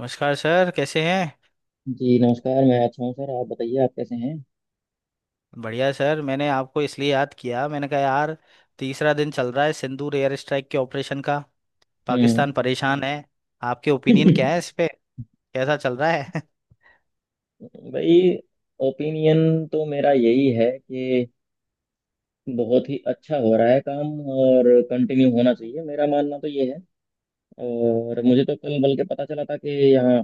नमस्कार सर, कैसे हैं? जी नमस्कार, मैं अच्छा हूँ। सर आप बताइए, आप कैसे हैं। बढ़िया सर। मैंने आपको इसलिए याद किया, मैंने कहा यार, तीसरा दिन चल रहा है सिंदूर एयर स्ट्राइक के ऑपरेशन का, हम्म। पाकिस्तान परेशान है। आपके ओपिनियन क्या है इस पे? कैसा चल रहा है? भाई, ओपिनियन तो मेरा यही है कि बहुत ही अच्छा हो रहा है काम, और कंटिन्यू होना चाहिए। मेरा मानना तो ये है। और मुझे तो कल बल्कि पता चला था कि यहाँ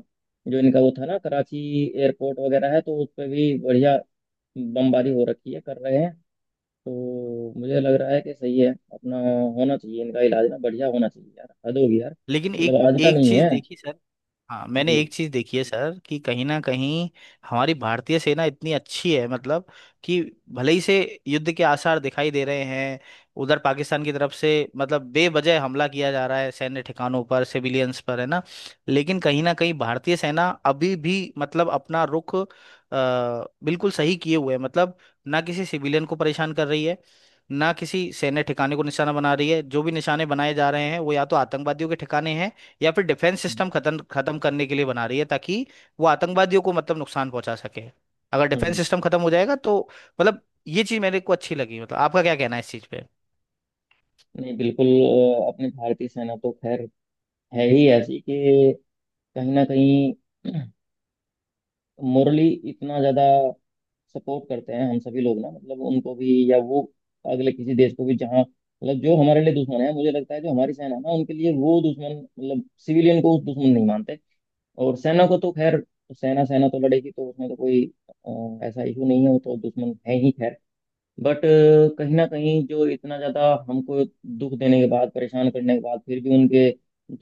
जो इनका वो था ना कराची एयरपोर्ट वगैरह है, तो उस पर भी बढ़िया बमबारी हो रखी है, कर रहे हैं। तो मुझे लग रहा है कि सही है। अपना होना चाहिए, इनका इलाज ना बढ़िया होना चाहिए यार। हद होगी यार, लेकिन एक मतलब आज का एक नहीं चीज है। देखी सर। हाँ, मैंने जी। एक चीज देखी है सर, कि कहीं ना कहीं हमारी भारतीय सेना इतनी अच्छी है, मतलब कि भले ही से युद्ध के आसार दिखाई दे रहे हैं उधर पाकिस्तान की तरफ से, मतलब बेवजह हमला किया जा रहा है, सैन्य ठिकानों पर, सिविलियंस पर, है ना। लेकिन कहीं ना कहीं भारतीय सेना अभी भी मतलब अपना रुख बिल्कुल सही किए हुए है, मतलब ना किसी सिविलियन को परेशान कर रही है, ना किसी सैन्य ठिकाने को निशाना बना रही है। जो भी निशाने बनाए जा रहे हैं वो या तो आतंकवादियों के ठिकाने हैं, या फिर डिफेंस सिस्टम खत्म खत्म करने के लिए बना रही है, ताकि वो आतंकवादियों को मतलब नुकसान पहुंचा सके। अगर डिफेंस हम्म। सिस्टम खत्म हो जाएगा तो मतलब, ये चीज मेरे को अच्छी लगी। मतलब आपका क्या कहना है इस चीज पे? नहीं, बिल्कुल। अपनी भारतीय सेना तो खैर है ही ऐसी कि कहीं ना कहीं मोरली इतना ज्यादा सपोर्ट करते हैं हम सभी लोग ना, मतलब उनको भी, या वो अगले किसी देश को भी जहाँ, मतलब जो हमारे लिए दुश्मन है। मुझे लगता है जो हमारी सेना है ना, उनके लिए वो दुश्मन, मतलब सिविलियन को उस दुश्मन नहीं मानते। और सेना को तो खैर, सेना सेना तो लड़ेगी, तो उसमें तो कोई ऐसा इशू नहीं है, वो तो दुश्मन है ही खैर। बट कहीं ना कहीं जो इतना ज़्यादा हमको दुख देने के बाद, परेशान करने के बाद, फिर भी उनके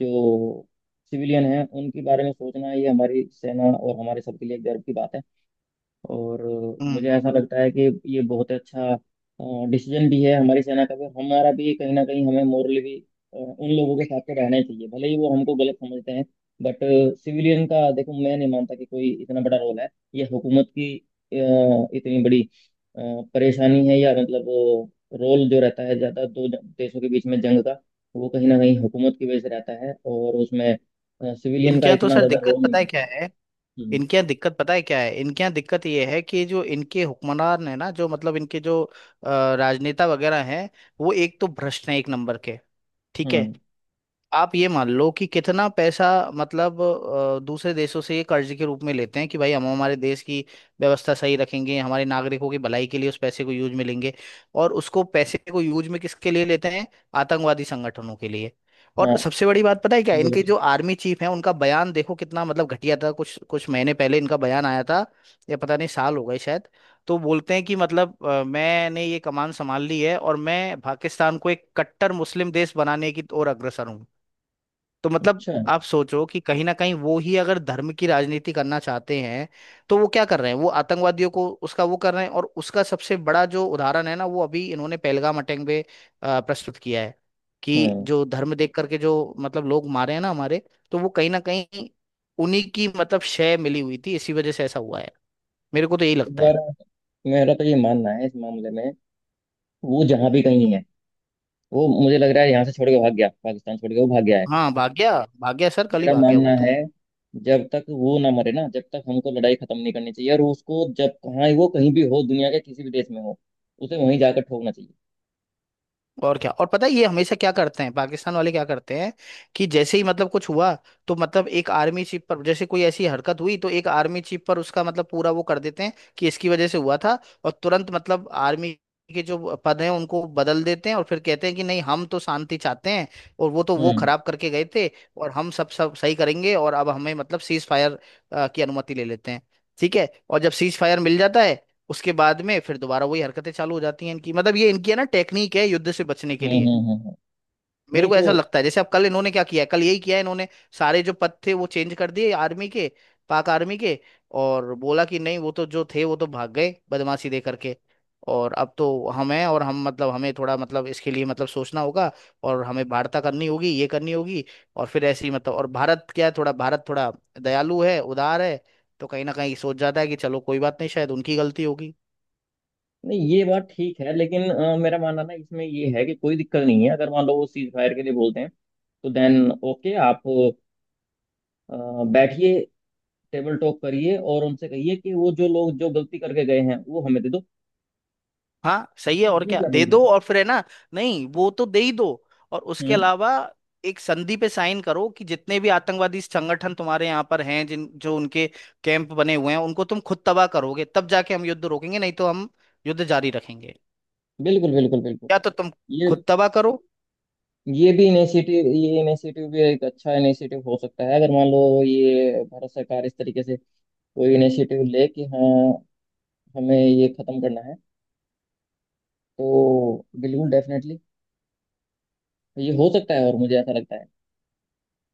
जो सिविलियन हैं उनके बारे में सोचना, ये हमारी सेना और हमारे सबके लिए गर्व की बात है। और मुझे हम्म। ऐसा लगता है कि ये बहुत अच्छा डिसीजन भी है, हमारी सेना का भी, हमारा भी। कहीं ना कहीं हमें मोरली भी उन लोगों के साथ तो रहना ही चाहिए, भले ही वो हमको गलत समझते हैं। बट सिविलियन का देखो, मैं नहीं मानता कि कोई इतना बड़ा रोल है। ये हुकूमत की इतनी बड़ी अ, परेशानी है, या मतलब रोल जो रहता है ज़्यादा देशों के बीच में जंग का, वो कहीं ना कहीं हुकूमत की वजह से रहता है, और उसमें सिविलियन का इनके यहाँ तो इतना सर ज़्यादा दिक्कत रोल नहीं पता है रहता। क्या है? हम्म। इनके यहाँ दिक्कत पता है क्या है? इनके यहाँ दिक्कत ये है कि जो इनके हुक्मरान है ना, जो मतलब इनके जो राजनेता वगैरह हैं, वो एक तो भ्रष्ट हैं, एक नंबर के। ठीक है। हम्म। आप ये मान लो कि कितना पैसा मतलब दूसरे देशों से ये कर्ज के रूप में लेते हैं कि भाई हम हमारे देश की व्यवस्था सही रखेंगे, हमारे नागरिकों की भलाई के लिए उस पैसे को यूज में लेंगे। और उसको पैसे को यूज में किसके लिए लेते हैं? आतंकवादी संगठनों के लिए। और हाँ, सबसे बड़ी बात पता है क्या, इनके बिल्कुल। जो आर्मी चीफ हैं उनका बयान देखो कितना मतलब घटिया था, कुछ कुछ महीने पहले इनका बयान आया था, या पता नहीं साल हो गए शायद। तो बोलते हैं कि मतलब मैंने ये कमान संभाल ली है और मैं पाकिस्तान को एक कट्टर मुस्लिम देश बनाने की ओर अग्रसर हूँ। तो मतलब अच्छा। आप सोचो कि कहीं ना कहीं वो ही अगर धर्म की राजनीति करना चाहते हैं, तो वो क्या कर रहे हैं? वो आतंकवादियों को उसका वो कर रहे हैं, और उसका सबसे बड़ा जो उदाहरण है ना, वो अभी इन्होंने पहलगाम अटैक पे प्रस्तुत किया है, कि हम्म। जो धर्म देख करके जो मतलब लोग मारे हैं ना हमारे, तो वो कहीं ना कहीं उन्हीं की मतलब शय मिली हुई थी, इसी वजह से ऐसा हुआ है। मेरे को तो यही इस लगता है। बार मेरा तो ये मानना है इस मामले में, वो जहां भी कहीं है, वो मुझे लग रहा है यहाँ से छोड़ के भाग गया, पाकिस्तान छोड़ के वो भाग गया है। हाँ, भाग गया सर, कल ही मेरा भाग गया मानना वो है तो। जब तक वो ना मरे ना, जब तक हमको लड़ाई खत्म नहीं करनी चाहिए। और उसको जब कहाँ, वो कहीं भी हो दुनिया के किसी भी देश में हो, उसे वहीं जाकर ठोकना चाहिए। और क्या। और पता है ये हमेशा क्या करते हैं? पाकिस्तान वाले क्या करते हैं कि जैसे ही मतलब कुछ हुआ, तो मतलब एक आर्मी चीफ पर, जैसे कोई ऐसी हरकत हुई तो एक आर्मी चीफ पर उसका मतलब पूरा वो कर देते हैं कि इसकी वजह से हुआ था। और तुरंत मतलब आर्मी के जो पद हैं उनको बदल देते हैं, और फिर कहते हैं कि नहीं, हम तो शांति चाहते हैं, और वो तो वो हम्म। खराब करके गए थे, और हम सब सब सही करेंगे, और अब हमें मतलब सीज फायर की अनुमति ले लेते हैं। ठीक है, और जब सीज फायर मिल जाता है उसके बाद में फिर दोबारा वही हरकतें चालू हो जाती हैं इनकी। मतलब ये इनकी है ना टेक्निक है युद्ध से बचने के हम्म। लिए। मेरे नहीं को तो। ऐसा लगता है, जैसे अब कल इन्होंने क्या किया है, कल यही किया है इन्होंने। सारे जो पद थे वो चेंज कर दिए आर्मी के, पाक आर्मी के, और बोला कि नहीं, वो तो जो थे वो तो भाग गए बदमाशी दे करके। और अब तो हम हैं, और हम मतलब हमें थोड़ा मतलब इसके लिए मतलब सोचना होगा, और हमें वार्ता करनी होगी, ये करनी होगी, और फिर ऐसे ही मतलब। और भारत क्या है, थोड़ा भारत थोड़ा दयालु है, उदार है। तो कहीं ना कहीं सोच जाता है कि चलो कोई बात नहीं, शायद उनकी गलती होगी। नहीं, ये बात ठीक है। लेकिन मेरा मानना ना इसमें ये है कि कोई दिक्कत नहीं है, अगर मान लो वो सीज फायर के लिए बोलते हैं, तो देन ओके। आप अ, बैठिए, टेबल टॉक करिए, और उनसे कहिए कि वो जो लोग जो गलती करके गए हैं वो हमें दे दो। हाँ, सही है। और इसमें क्या, क्या बुरी दे बात दो। है। और फिर है ना। नहीं, वो तो दे ही दो, और उसके हम्म। अलावा एक संधि पे साइन करो कि जितने भी आतंकवादी संगठन तुम्हारे यहाँ पर हैं, जिन जो उनके कैंप बने हुए हैं उनको तुम खुद तबाह करोगे, तब जाके हम युद्ध रोकेंगे, नहीं तो हम युद्ध जारी रखेंगे। बिल्कुल बिल्कुल बिल्कुल। या तो तुम ये खुद तबाह करो। ये भी इनिशिएटिव ये इनिशिएटिव भी एक अच्छा इनिशिएटिव हो सकता है, अगर मान लो ये भारत सरकार इस तरीके से कोई इनिशिएटिव ले कि हाँ, हमें ये खत्म करना है, तो बिल्कुल डेफिनेटली ये हो सकता है। और मुझे ऐसा लगता है।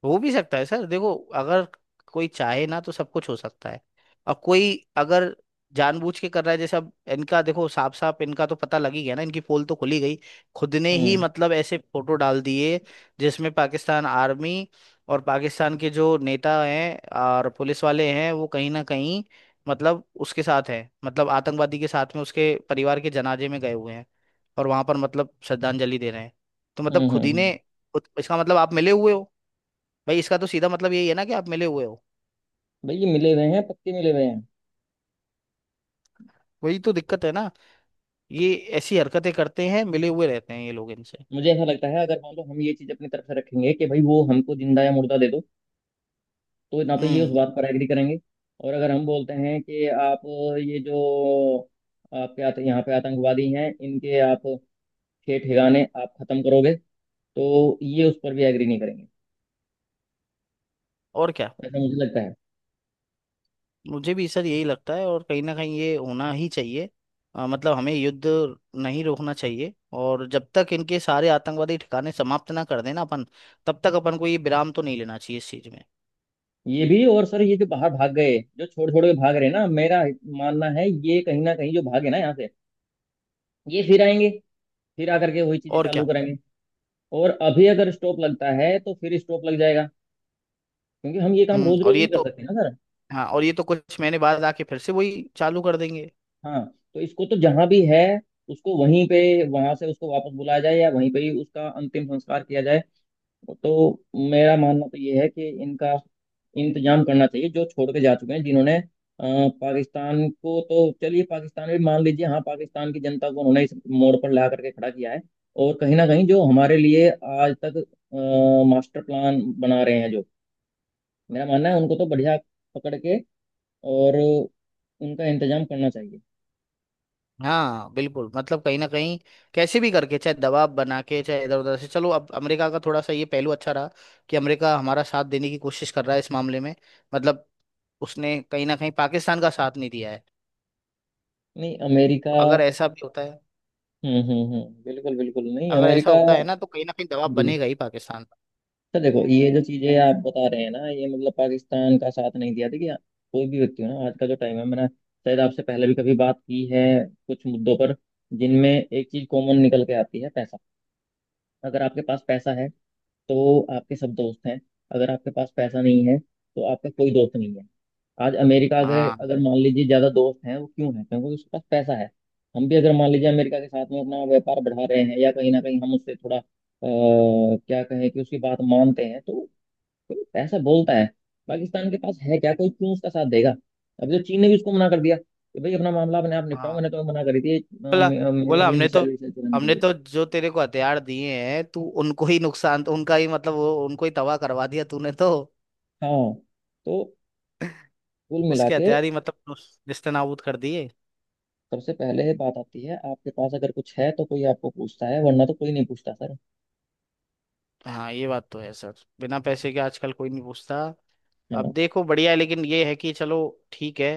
हो भी सकता है सर। देखो, अगर कोई चाहे ना तो सब कुछ हो सकता है, और कोई अगर जानबूझ के कर रहा है, जैसे अब इनका देखो, साफ साफ इनका तो पता लग ही गया ना, इनकी पोल तो खुली गई। खुद ने ही हम्म। मतलब ऐसे फोटो डाल दिए, जिसमें पाकिस्तान आर्मी और पाकिस्तान के जो नेता हैं और पुलिस वाले हैं, वो कहीं ना कहीं मतलब उसके साथ हैं, मतलब आतंकवादी के साथ में उसके परिवार के जनाजे में गए हुए हैं, और वहां पर मतलब श्रद्धांजलि दे रहे हैं। तो मतलब हम्म। खुद ही ने, इसका मतलब आप मिले हुए हो। भाई, इसका तो सीधा मतलब यही है ना कि आप मिले हुए हो। भाई, ये मिले हुए हैं, पक्के मिले हुए हैं। वही तो दिक्कत है ना। ये ऐसी हरकतें करते हैं, मिले हुए रहते हैं ये लोग इनसे। मुझे ऐसा लगता है अगर मान लो हम ये चीज अपनी तरफ से रखेंगे कि भाई वो हमको जिंदा या मुर्दा दे दो, तो ना तो ये उस हम्म। बात पर एग्री करेंगे। और अगर हम बोलते हैं कि आप ये जो यहाँ पे आतंकवादी हैं इनके आप ठे ठिकाने आप खत्म करोगे, तो ये उस पर भी एग्री नहीं करेंगे, और क्या। ऐसा मुझे लगता है। मुझे भी सर यही लगता है, और कहीं ना कहीं ये होना ही चाहिए। मतलब हमें युद्ध नहीं रोकना चाहिए, और जब तक इनके सारे आतंकवादी ठिकाने समाप्त ना कर देना अपन, तब तक अपन को ये विराम तो नहीं लेना चाहिए इस चीज में। ये भी। और सर ये जो बाहर भाग गए, जो छोड़ छोड़ के भाग रहे हैं ना, मेरा मानना है ये कहीं ना कहीं जो भागे ना यहाँ से, ये फिर आएंगे, फिर आकर के वही चीजें और चालू क्या। करेंगे। और अभी अगर स्टॉप लगता है तो फिर स्टॉप लग जाएगा, क्योंकि हम ये काम हम्म। रोज और रोज ये नहीं कर तो, सकते ना सर। हाँ, और ये तो कुछ महीने बाद आके फिर से वही चालू कर देंगे। हाँ। तो इसको तो जहां भी है उसको वहीं पे, वहां से उसको वापस बुलाया जाए, या वहीं पे ही उसका अंतिम संस्कार किया जाए। तो मेरा मानना तो ये है कि इनका इंतजाम करना चाहिए, जो छोड़ के जा चुके हैं, जिन्होंने पाकिस्तान को तो चलिए, पाकिस्तान भी मान लीजिए, हाँ पाकिस्तान की जनता को उन्होंने इस मोड़ पर ला करके खड़ा किया है। और कहीं ना कहीं जो हमारे लिए आज तक मास्टर प्लान बना रहे हैं, जो मेरा मानना है उनको तो बढ़िया पकड़ के और उनका इंतजाम करना चाहिए। हाँ बिल्कुल, मतलब कहीं ना कहीं कैसे भी करके चाहे दबाव बना के चाहे इधर उधर से। चलो, अब अमेरिका का थोड़ा सा ये पहलू अच्छा रहा कि अमेरिका हमारा साथ देने की कोशिश कर रहा है इस मामले में, मतलब उसने कहीं ना कहीं पाकिस्तान का साथ नहीं दिया है। नहीं, अमेरिका। तो अगर ऐसा भी होता है बिल्कुल बिल्कुल। नहीं अगर ऐसा अमेरिका। होता है ना, तो कहीं ना कहीं दबाव जी। बनेगा ही पाकिस्तान पर। तो देखो ये जो चीजें आप बता रहे हैं ना, ये मतलब पाकिस्तान का साथ नहीं दिया। देखिए कोई भी व्यक्ति हो ना, आज का जो टाइम है, मैंने शायद आपसे पहले भी कभी बात की है कुछ मुद्दों पर, जिनमें एक चीज कॉमन निकल के आती है, पैसा। अगर आपके पास पैसा है तो आपके सब दोस्त हैं, अगर आपके पास पैसा नहीं है तो आपका कोई दोस्त नहीं है। आज अमेरिका अगर, हाँ मान लीजिए ज्यादा दोस्त हैं वो क्यों है, क्योंकि उसके पास पैसा है। हम भी अगर मान लीजिए अमेरिका के साथ में अपना व्यापार बढ़ा रहे हैं, या कहीं ना कहीं हम उससे थोड़ा क्या कहें कि उसकी बात मानते हैं, तो कोई पैसा बोलता है। पाकिस्तान के पास है क्या, कोई क्यों उसका साथ देगा। अभी तो चीन ने भी उसको मना कर दिया कि भाई अपना मामला अपने आप निपटाओ, हाँ। मैंने तो मना करी थी बोला मेरे बोला वाली हमने तो मिसाइल विसाइल चलाने के हमने लिए। तो जो तेरे को हथियार दिए हैं, तू उनको ही नुकसान, उनका ही मतलब, वो उनको ही तबाह करवा दिया तूने तो। हाँ। तो कुल मिला उसके के हथियार ही मतलब नेस्तनाबूद कर दिए। सबसे पहले बात आती है, आपके पास अगर कुछ है तो कोई आपको पूछता है, वरना तो कोई नहीं पूछता सर। हाँ, ये बात तो है सर। बिना पैसे के आजकल कोई नहीं पूछता। अब हाँ। देखो, बढ़िया है लेकिन ये है कि चलो, ठीक है।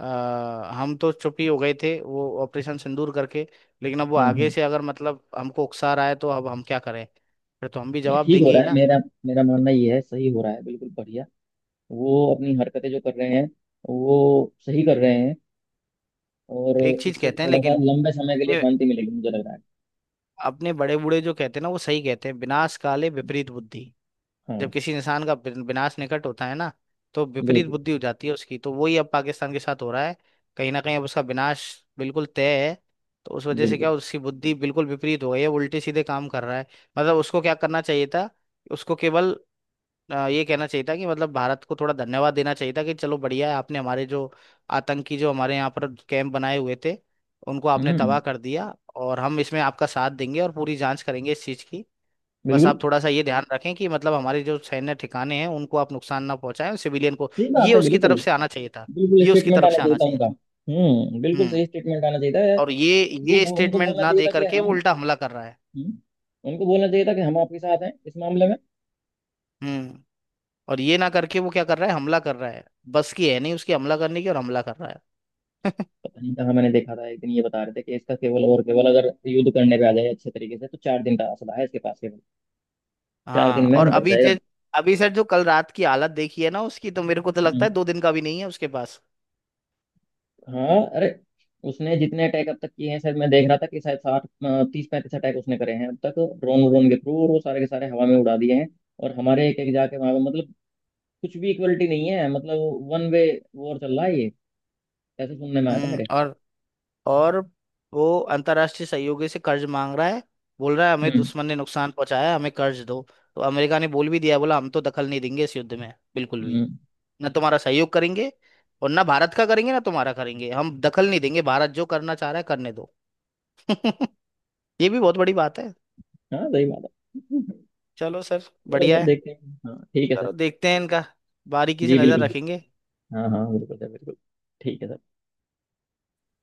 हम तो चुप ही हो गए थे वो ऑपरेशन सिंदूर करके, लेकिन अब वो हम्म। आगे से अगर मतलब हमको उकसा रहा है तो अब हम क्या करें? फिर तो हम भी ये जवाब ठीक हो देंगे रहा ही है। ना। मेरा मेरा मानना ये है, सही हो रहा है बिल्कुल बढ़िया। वो अपनी हरकतें जो कर रहे हैं, वो सही कर रहे हैं। और एक चीज इससे कहते हैं थोड़ा सा लेकिन। लंबे समय के लिए अपने शांति मिलेगी मुझे लग रहा है। अपने बड़े बूढ़े जो कहते हैं ना वो सही कहते हैं, विनाश काले विपरीत बुद्धि। जब हाँ किसी इंसान का विनाश निकट होता है ना, तो विपरीत बिल्कुल बुद्धि हो जाती है उसकी। तो वही अब पाकिस्तान के साथ हो रहा है। कहीं ना कहीं अब उसका विनाश बिल्कुल तय है। तो उस वजह से क्या बिल्कुल। उसकी बुद्धि बिल्कुल विपरीत हो गई है, उल्टे सीधे काम कर रहा है। मतलब उसको क्या करना चाहिए था? उसको केवल ये कहना चाहिए था कि मतलब भारत को थोड़ा धन्यवाद देना चाहिए था कि चलो बढ़िया है, आपने हमारे जो आतंकी जो हमारे यहाँ पर कैंप बनाए हुए थे उनको आपने हम्म। तबाह कर दिया, और हम इसमें आपका साथ देंगे, और पूरी जांच करेंगे इस चीज़ की। बस बिल्कुल। आप थोड़ा सा ये ध्यान रखें कि मतलब हमारे जो सैन्य ठिकाने हैं उनको आप नुकसान ना पहुंचाएं, सिविलियन को। सही बात ये है उसकी बिल्कुल। तरफ से आना चाहिए था। बिल्कुल ये उसकी स्टेटमेंट तरफ आना से चाहिए आना था चाहिए उनका। था। हम्म, बिल्कुल, हम्म। सही स्टेटमेंट आना चाहिए था। और ये ये उनको स्टेटमेंट बोलना ना चाहिए दे था कि हम। करके वो उल्टा हमला कर रहा है। हम्म, उनको बोलना चाहिए था कि हम आपके साथ हैं इस मामले में। हम्म। और ये ना करके वो क्या कर रहा है? हमला कर रहा है। बस की है नहीं उसकी हमला करने की, और हमला कर रहा है। पता नहीं कहाँ मैंने देखा था एक दिन, ये बता रहे थे कि इसका केवल और केवल अगर युद्ध करने पे आ जाए अच्छे तरीके से, तो 4 दिन का हौसला है इसके पास, केवल 4 दिन हाँ, में और निपट अभी जाएगा। जे अभी सर जो कल रात की हालत देखी है ना उसकी, तो मेरे को तो लगता हम्म। है दो दिन का भी नहीं है उसके पास। हाँ अरे, उसने जितने अटैक अब तक किए हैं, शायद मैं देख रहा था कि शायद 60, 30 35 अटैक उसने करे हैं अब तक, ड्रोन व्रोन के थ्रू, और वो सारे के सारे हवा में उड़ा दिए हैं। और हमारे एक एक जाके वहां पे, मतलब कुछ भी इक्वलिटी नहीं है, मतलब वन वे वॉर चल रहा है ये, ऐसे सुनने में आया था हम्म। मेरे। और वो अंतर्राष्ट्रीय सहयोगी से कर्ज मांग रहा है, बोल रहा है हमें हम्म। दुश्मन ने नुकसान पहुंचाया है, हमें कर्ज दो। तो अमेरिका ने बोल भी दिया है, बोला हम तो दखल नहीं देंगे इस युद्ध में बिल्कुल भी, हम्म। ना तुम्हारा सहयोग करेंगे और ना भारत का करेंगे, ना तुम्हारा करेंगे, हम दखल नहीं देंगे, भारत जो करना चाह रहा है करने दो। ये भी बहुत बड़ी बात है। हाँ सही बात है। चलो सर, चलो बढ़िया सर, है। देखते हैं। हाँ ठीक है सर। चलो देखते हैं इनका, बारीकी से जी नजर बिल्कुल। रखेंगे। हाँ हाँ बिल्कुल है, बिल्कुल। ठीक है।